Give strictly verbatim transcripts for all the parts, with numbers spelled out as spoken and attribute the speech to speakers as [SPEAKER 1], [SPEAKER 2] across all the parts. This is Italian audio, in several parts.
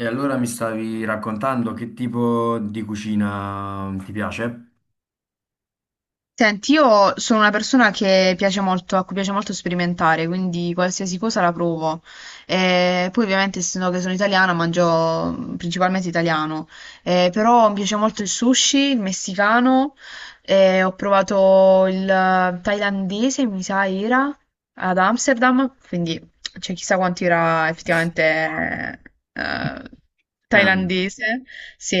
[SPEAKER 1] E allora mi stavi raccontando che tipo di cucina ti piace?
[SPEAKER 2] Senti, io sono una persona che piace molto, a cui piace molto sperimentare, quindi qualsiasi cosa la provo. E poi ovviamente, essendo che sono italiana, mangio mm, principalmente italiano. Eh, però mi piace molto il sushi, il messicano, eh, ho provato il eh, thailandese, mi sa era, ad Amsterdam, quindi c'è chissà quanto era effettivamente eh,
[SPEAKER 1] Eh.
[SPEAKER 2] thailandese, sì.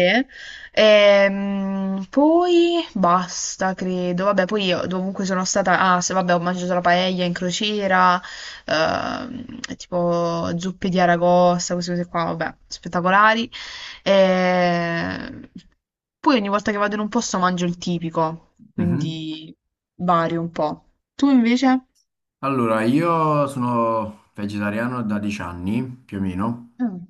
[SPEAKER 2] Ehm, poi basta, credo. Vabbè, poi io dovunque sono stata. Ah, se vabbè, ho mangiato la paella in crociera, ehm, tipo zuppe di aragosta, queste cose qua, vabbè, spettacolari. Ehm, poi ogni volta che vado in un posto mangio il tipico,
[SPEAKER 1] Mhm.
[SPEAKER 2] quindi vario un po'. Tu invece?
[SPEAKER 1] Allora, io sono vegetariano da dieci anni più o meno,
[SPEAKER 2] Mm.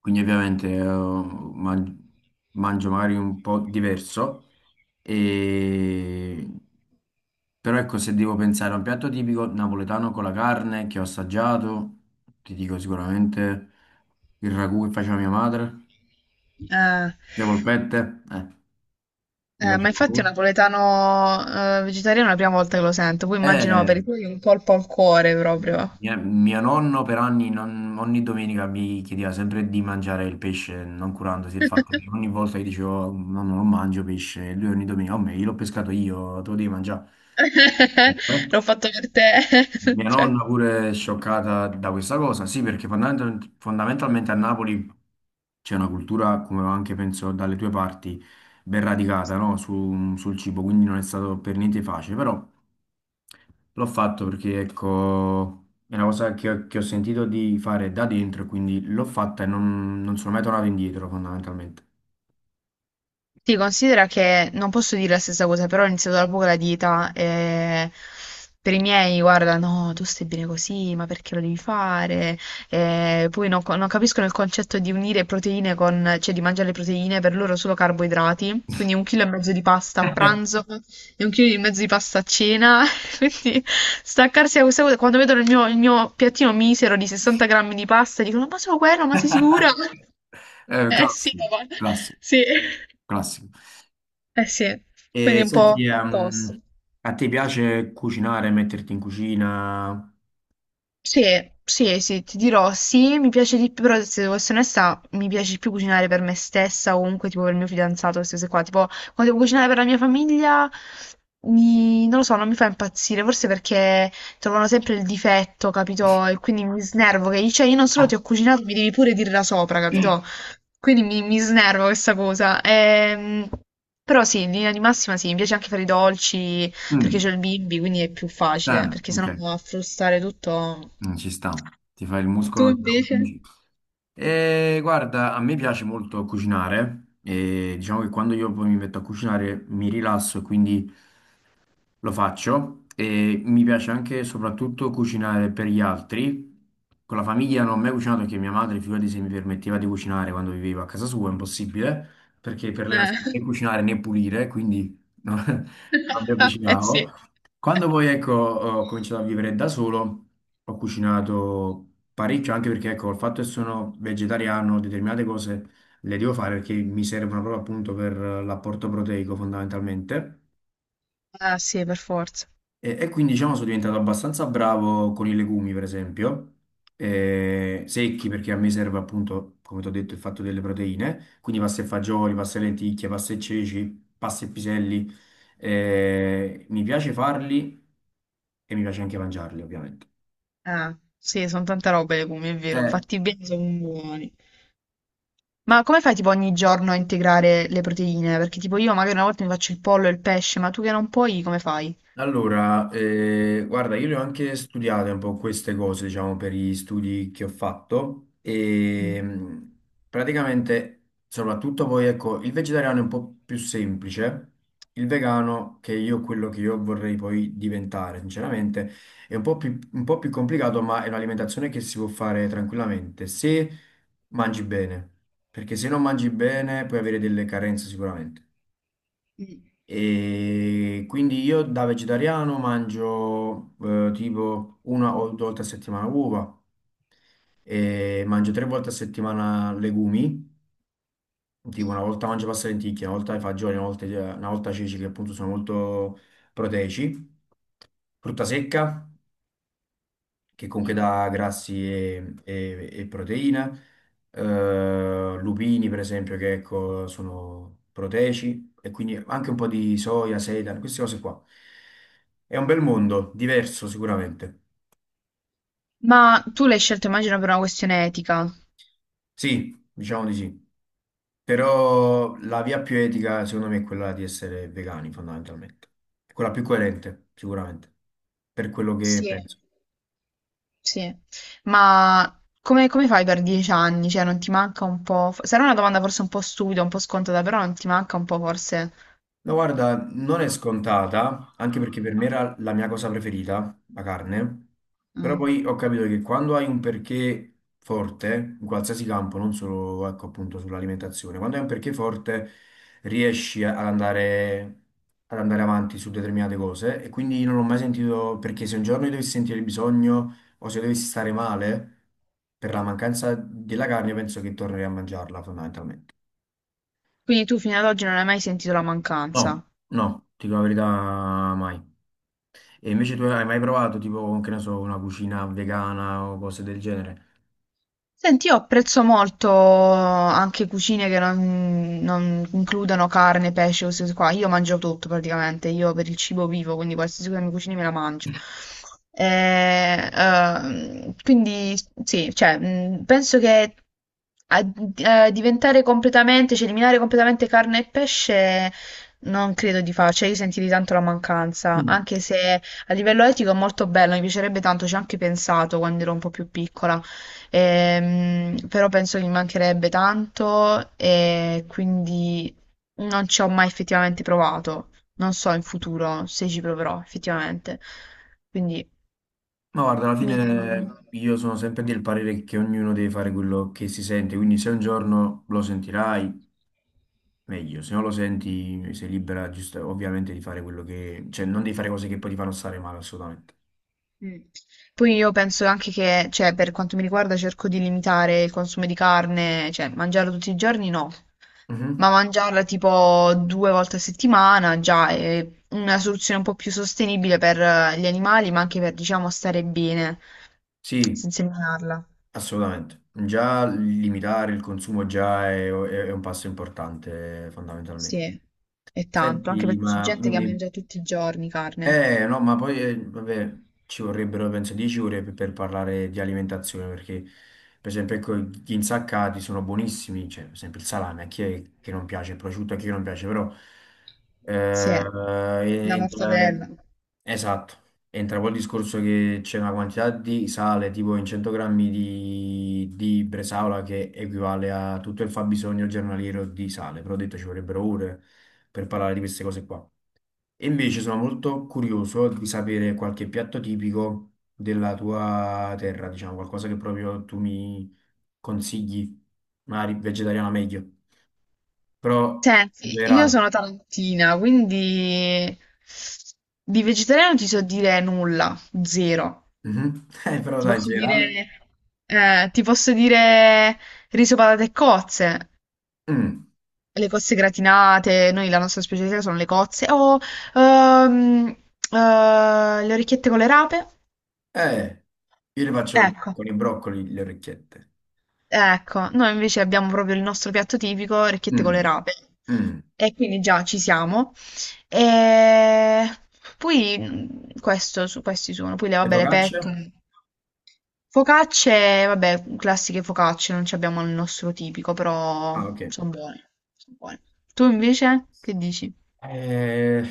[SPEAKER 1] quindi ovviamente eh, man- mangio magari un po' diverso, e... però ecco, se devo pensare a un piatto tipico napoletano con la carne che ho assaggiato, ti dico sicuramente il ragù che faceva mia madre,
[SPEAKER 2] Eh,
[SPEAKER 1] le polpette, eh, mi
[SPEAKER 2] eh,
[SPEAKER 1] piace.
[SPEAKER 2] ma infatti è un napoletano eh, vegetariano è la prima volta che lo sento, poi immagino
[SPEAKER 1] Eh,
[SPEAKER 2] per i tuoi un colpo al cuore proprio.
[SPEAKER 1] mia- mio nonno per anni, non- ogni domenica mi chiedeva sempre di mangiare il pesce, non curandosi del fatto che ogni volta gli dicevo nonno non mangio pesce, e lui ogni domenica, oh, me, io l'ho pescato io, te lo devi mangiare. Eh?
[SPEAKER 2] L'ho fatto per te.
[SPEAKER 1] Mia
[SPEAKER 2] Cioè.
[SPEAKER 1] nonna pure è scioccata da questa cosa, sì, perché fondamental- fondamentalmente a Napoli c'è una cultura, come anche penso dalle tue parti, ben radicata, no? Su- sul cibo, quindi non è stato per niente facile, però l'ho fatto perché, ecco, è una cosa che, ho che ho sentito di fare da dentro, quindi l'ho fatta e non, non sono mai tornato indietro, fondamentalmente.
[SPEAKER 2] Sì, considera che non posso dire la stessa cosa, però ho iniziato da poco la dieta e per i miei, guarda, no, tu stai bene così, ma perché lo devi fare? E poi non, co- non capiscono il concetto di unire proteine con, cioè di mangiare le proteine, per loro solo carboidrati, quindi un chilo e mezzo di pasta a pranzo e un chilo e mezzo di pasta a cena, quindi staccarsi da questa cosa, quando vedono il mio, il mio piattino misero di sessanta grammi di pasta, dicono, ma solo quello, ma sei sicura?
[SPEAKER 1] Eh,
[SPEAKER 2] Eh sì,
[SPEAKER 1] classico,
[SPEAKER 2] papà,
[SPEAKER 1] classico,
[SPEAKER 2] sì.
[SPEAKER 1] classico.
[SPEAKER 2] Eh sì, quindi
[SPEAKER 1] E
[SPEAKER 2] è un
[SPEAKER 1] senti,
[SPEAKER 2] po'
[SPEAKER 1] ehm,
[SPEAKER 2] opposto.
[SPEAKER 1] a te piace cucinare, metterti in cucina?
[SPEAKER 2] Sì, sì, sì, ti dirò, sì, mi piace di più, però se devo essere onesta, mi piace di più cucinare per me stessa o comunque tipo per il mio fidanzato, queste cose qua. Tipo, quando devo cucinare per la mia famiglia, mi- non lo so, non mi fa impazzire, forse perché trovano sempre il difetto, capito? E quindi mi snervo, che cioè io non solo ti
[SPEAKER 1] Ah.
[SPEAKER 2] ho cucinato, mi devi pure dirla sopra, capito? Quindi mi, mi snervo questa cosa. Ehm, però sì, in linea di massima sì, mi piace anche fare i dolci. Perché
[SPEAKER 1] Mm,
[SPEAKER 2] c'è il bimbi, quindi è più facile,
[SPEAKER 1] ah,
[SPEAKER 2] perché
[SPEAKER 1] ok.
[SPEAKER 2] sennò va a frustare tutto.
[SPEAKER 1] Mm, ci sta, ti fai il
[SPEAKER 2] Tu
[SPEAKER 1] muscolo.
[SPEAKER 2] invece?
[SPEAKER 1] E guarda, a me piace molto cucinare e diciamo che quando io poi mi metto a cucinare mi rilasso e quindi lo faccio, e mi piace anche soprattutto cucinare per gli altri. Con la famiglia non ho mai cucinato perché mia madre, figurati se mi permetteva di cucinare quando vivevo a casa sua, è impossibile, perché per lei non
[SPEAKER 2] Eh,
[SPEAKER 1] sapevo né cucinare né pulire, quindi no, non mi
[SPEAKER 2] eh
[SPEAKER 1] avvicinavo.
[SPEAKER 2] sì.
[SPEAKER 1] Quando poi ecco, ho cominciato a vivere da solo, ho cucinato parecchio, anche perché ecco, il fatto che sono vegetariano, determinate cose le devo fare perché mi servono proprio appunto per l'apporto proteico fondamentalmente.
[SPEAKER 2] Ah sì, per forza.
[SPEAKER 1] E, e quindi diciamo sono diventato abbastanza bravo con i legumi, per esempio, eh, secchi perché a me serve appunto, come ti ho detto, il fatto delle proteine, quindi pasta e fagioli, pasta e lenticchie, pasta e ceci, pasta e piselli, eh, mi piace farli e mi piace anche mangiarli, ovviamente.
[SPEAKER 2] Ah, sì, sono tante robe le legumi, è vero.
[SPEAKER 1] Eh.
[SPEAKER 2] Fatti bene, sono buoni. Ma come fai tipo ogni giorno a integrare le proteine? Perché tipo io magari una volta mi faccio il pollo e il pesce, ma tu che non puoi, come fai?
[SPEAKER 1] Allora, eh, guarda, io le ho anche studiate un po' queste cose, diciamo, per gli studi che ho fatto e
[SPEAKER 2] Mm.
[SPEAKER 1] mh, praticamente, soprattutto poi, ecco, il vegetariano è un po' più semplice, il vegano, che io quello che io vorrei poi diventare, sinceramente, è un po' più, un po' più complicato, ma è un'alimentazione che si può fare tranquillamente se mangi bene, perché se non mangi bene puoi avere delle carenze sicuramente.
[SPEAKER 2] Mm.
[SPEAKER 1] E quindi io da vegetariano mangio eh, tipo una o due volte a settimana uova, e mangio tre volte a settimana legumi, tipo una volta mangio pasta e lenticchie, una volta fagioli, una volta, una volta ceci che appunto sono molto proteici, frutta secca, che comunque dà grassi e, e- e proteine, eh, lupini per esempio che ecco, sono proteici e quindi anche un po' di soia, seitan, queste cose qua. È un bel mondo, diverso sicuramente.
[SPEAKER 2] Ma tu l'hai scelto, immagino, per una questione etica.
[SPEAKER 1] Sì, diciamo di sì, però la via più etica secondo me è quella di essere vegani fondamentalmente, quella più coerente sicuramente, per quello che
[SPEAKER 2] Sì.
[SPEAKER 1] penso.
[SPEAKER 2] Sì, ma come, come fai per dieci anni? Cioè, non ti manca un po'? f- Sarà una domanda forse un po' stupida, un po' scontata, però non ti manca un po' forse...
[SPEAKER 1] No, guarda, non è scontata, anche perché per me era la mia cosa preferita, la carne, però
[SPEAKER 2] Mm.
[SPEAKER 1] poi ho capito che quando hai un perché forte, in qualsiasi campo, non solo, ecco, appunto sull'alimentazione, quando hai un perché forte riesci a- ad andare, ad andare avanti su determinate cose e quindi non ho mai sentito, perché se un giorno io dovessi sentire il bisogno o se dovessi stare male, per la mancanza della carne penso che tornerei a mangiarla fondamentalmente.
[SPEAKER 2] Quindi tu fino ad oggi non hai mai sentito la mancanza?
[SPEAKER 1] No, no, ti dico la verità, mai. E invece tu hai mai provato tipo, che ne so, una cucina vegana o cose del genere?
[SPEAKER 2] Senti, io apprezzo molto anche cucine che non, non includono carne, pesce, queste cose qua. Io mangio tutto praticamente, io per il cibo vivo, quindi qualsiasi cosa mi cucini me la mangio. Eh, ehm, quindi sì, cioè, mh, penso che a- eh, diventare completamente, cioè eliminare completamente carne e pesce non credo di farci, cioè io sentirei tanto la mancanza,
[SPEAKER 1] Mm.
[SPEAKER 2] anche se a livello etico è molto bello, mi piacerebbe tanto, ci ho anche pensato quando ero un po' più piccola. Ehm, però penso che mi mancherebbe tanto e quindi non ci ho mai effettivamente provato. Non so in futuro se ci proverò effettivamente. Quindi
[SPEAKER 1] Ma guarda, alla
[SPEAKER 2] mi tengo.
[SPEAKER 1] fine io sono sempre del parere che ognuno deve fare quello che si sente, quindi se un giorno lo sentirai, meglio, se non lo senti sei libera giusta- ovviamente di fare quello che... cioè non devi fare cose che poi ti fanno stare male, assolutamente.
[SPEAKER 2] Mm. Poi io penso anche che, cioè, per quanto mi riguarda, cerco di limitare il consumo di carne, cioè, mangiarla tutti i giorni no, ma
[SPEAKER 1] Mhm.
[SPEAKER 2] mangiarla tipo due volte a settimana già è una soluzione un po' più sostenibile per eh, gli animali, ma anche per, diciamo, stare bene
[SPEAKER 1] Sì,
[SPEAKER 2] senza eliminarla.
[SPEAKER 1] assolutamente. Già limitare il consumo già è, è- è un passo importante, fondamentalmente.
[SPEAKER 2] Sì, è tanto, anche
[SPEAKER 1] Senti,
[SPEAKER 2] perché c'è
[SPEAKER 1] ma
[SPEAKER 2] gente
[SPEAKER 1] dimmi,
[SPEAKER 2] che
[SPEAKER 1] dimmi.
[SPEAKER 2] mangia tutti i giorni carne.
[SPEAKER 1] Eh, no, ma poi, eh, vabbè, ci vorrebbero, penso, dieci ore per, per parlare di alimentazione, perché, per esempio, ecco, gli insaccati sono buonissimi, cioè, per esempio, il salame, a chi è che non piace, il prosciutto, a chi non piace, però,
[SPEAKER 2] Sì,
[SPEAKER 1] eh,
[SPEAKER 2] la
[SPEAKER 1] entra-
[SPEAKER 2] mortadella.
[SPEAKER 1] esatto, entra poi il discorso che c'è una quantità di sale, tipo in cento grammi di, di bresaola, che equivale a tutto il fabbisogno giornaliero di sale, però ho detto ci vorrebbero ore per parlare di queste cose qua. E invece sono molto curioso di sapere qualche piatto tipico della tua terra, diciamo, qualcosa che proprio tu mi consigli, magari vegetariano meglio, però in
[SPEAKER 2] Senti, io
[SPEAKER 1] generale.
[SPEAKER 2] sono tarantina, quindi di vegetariano ti so dire nulla, zero.
[SPEAKER 1] Mhm. Eh, però
[SPEAKER 2] Ti
[SPEAKER 1] dai, in
[SPEAKER 2] posso
[SPEAKER 1] generale.
[SPEAKER 2] dire, eh, ti posso dire riso, patate e cozze,
[SPEAKER 1] Mm.
[SPEAKER 2] le cozze gratinate, noi la nostra specialità sono le cozze, o ehm, eh, le orecchiette con le rape,
[SPEAKER 1] Eh, io le faccio
[SPEAKER 2] ecco.
[SPEAKER 1] con i broccoli le orecchiette.
[SPEAKER 2] Ecco, noi invece abbiamo proprio il nostro piatto tipico, orecchiette con
[SPEAKER 1] Mm.
[SPEAKER 2] le rape.
[SPEAKER 1] Mm.
[SPEAKER 2] E quindi già ci siamo. E poi mh, questo, su, questi sono, poi le,
[SPEAKER 1] Le
[SPEAKER 2] vabbè, le
[SPEAKER 1] focacce?
[SPEAKER 2] pet. Focacce, vabbè, classiche focacce, non ci abbiamo il nostro tipico, però
[SPEAKER 1] Ah, ok.
[SPEAKER 2] sono buone, sono buone. Tu invece che dici?
[SPEAKER 1] Eh,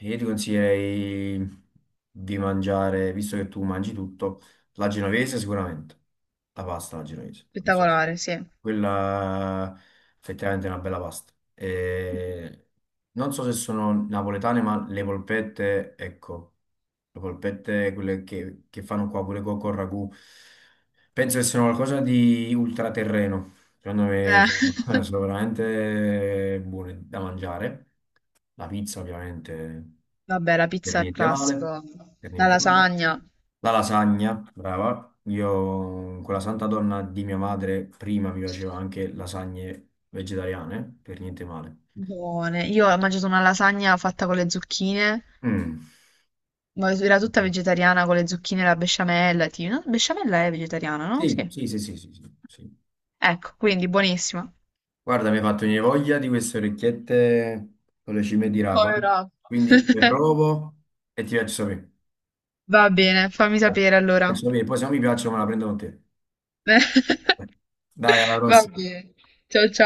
[SPEAKER 1] io ti consiglierei di mangiare, visto che tu mangi tutto, la genovese sicuramente, la pasta alla genovese, non so se...
[SPEAKER 2] Spettacolare, sì. Eh,
[SPEAKER 1] Quella effettivamente è una bella pasta. E non so se sono napoletane, ma le polpette, ecco, le polpette, quelle che, che fanno qua pure co- con ragù, penso che siano qualcosa di ultraterreno. Secondo me sono, sono veramente buone da mangiare. La pizza, ovviamente,
[SPEAKER 2] Vabbè, la
[SPEAKER 1] per
[SPEAKER 2] pizza è
[SPEAKER 1] niente male,
[SPEAKER 2] classico,
[SPEAKER 1] per
[SPEAKER 2] la
[SPEAKER 1] niente male.
[SPEAKER 2] lasagna,
[SPEAKER 1] La lasagna, brava. Io con la santa donna di mia madre prima mi facevo anche lasagne vegetariane, per niente male.
[SPEAKER 2] buone. Io ho mangiato una lasagna fatta con le zucchine.
[SPEAKER 1] Mm.
[SPEAKER 2] Ma era tutta vegetariana con le zucchine e la besciamella. Tipo. No, besciamella è vegetariana, no?
[SPEAKER 1] Sì,
[SPEAKER 2] Sì.
[SPEAKER 1] sì, sì, sì, sì, sì, sì.
[SPEAKER 2] Ecco, quindi buonissima.
[SPEAKER 1] Guarda, mi hai fatto venire voglia di queste orecchiette con le cime di rapa,
[SPEAKER 2] Povera.
[SPEAKER 1] quindi le provo e ti faccio sapere.
[SPEAKER 2] Va bene, fammi
[SPEAKER 1] Ti
[SPEAKER 2] sapere allora.
[SPEAKER 1] Faccio sapere, poi se non mi piacciono me la prendo con te. Dai, alla
[SPEAKER 2] Va
[SPEAKER 1] prossima.
[SPEAKER 2] bene. Ciao ciao.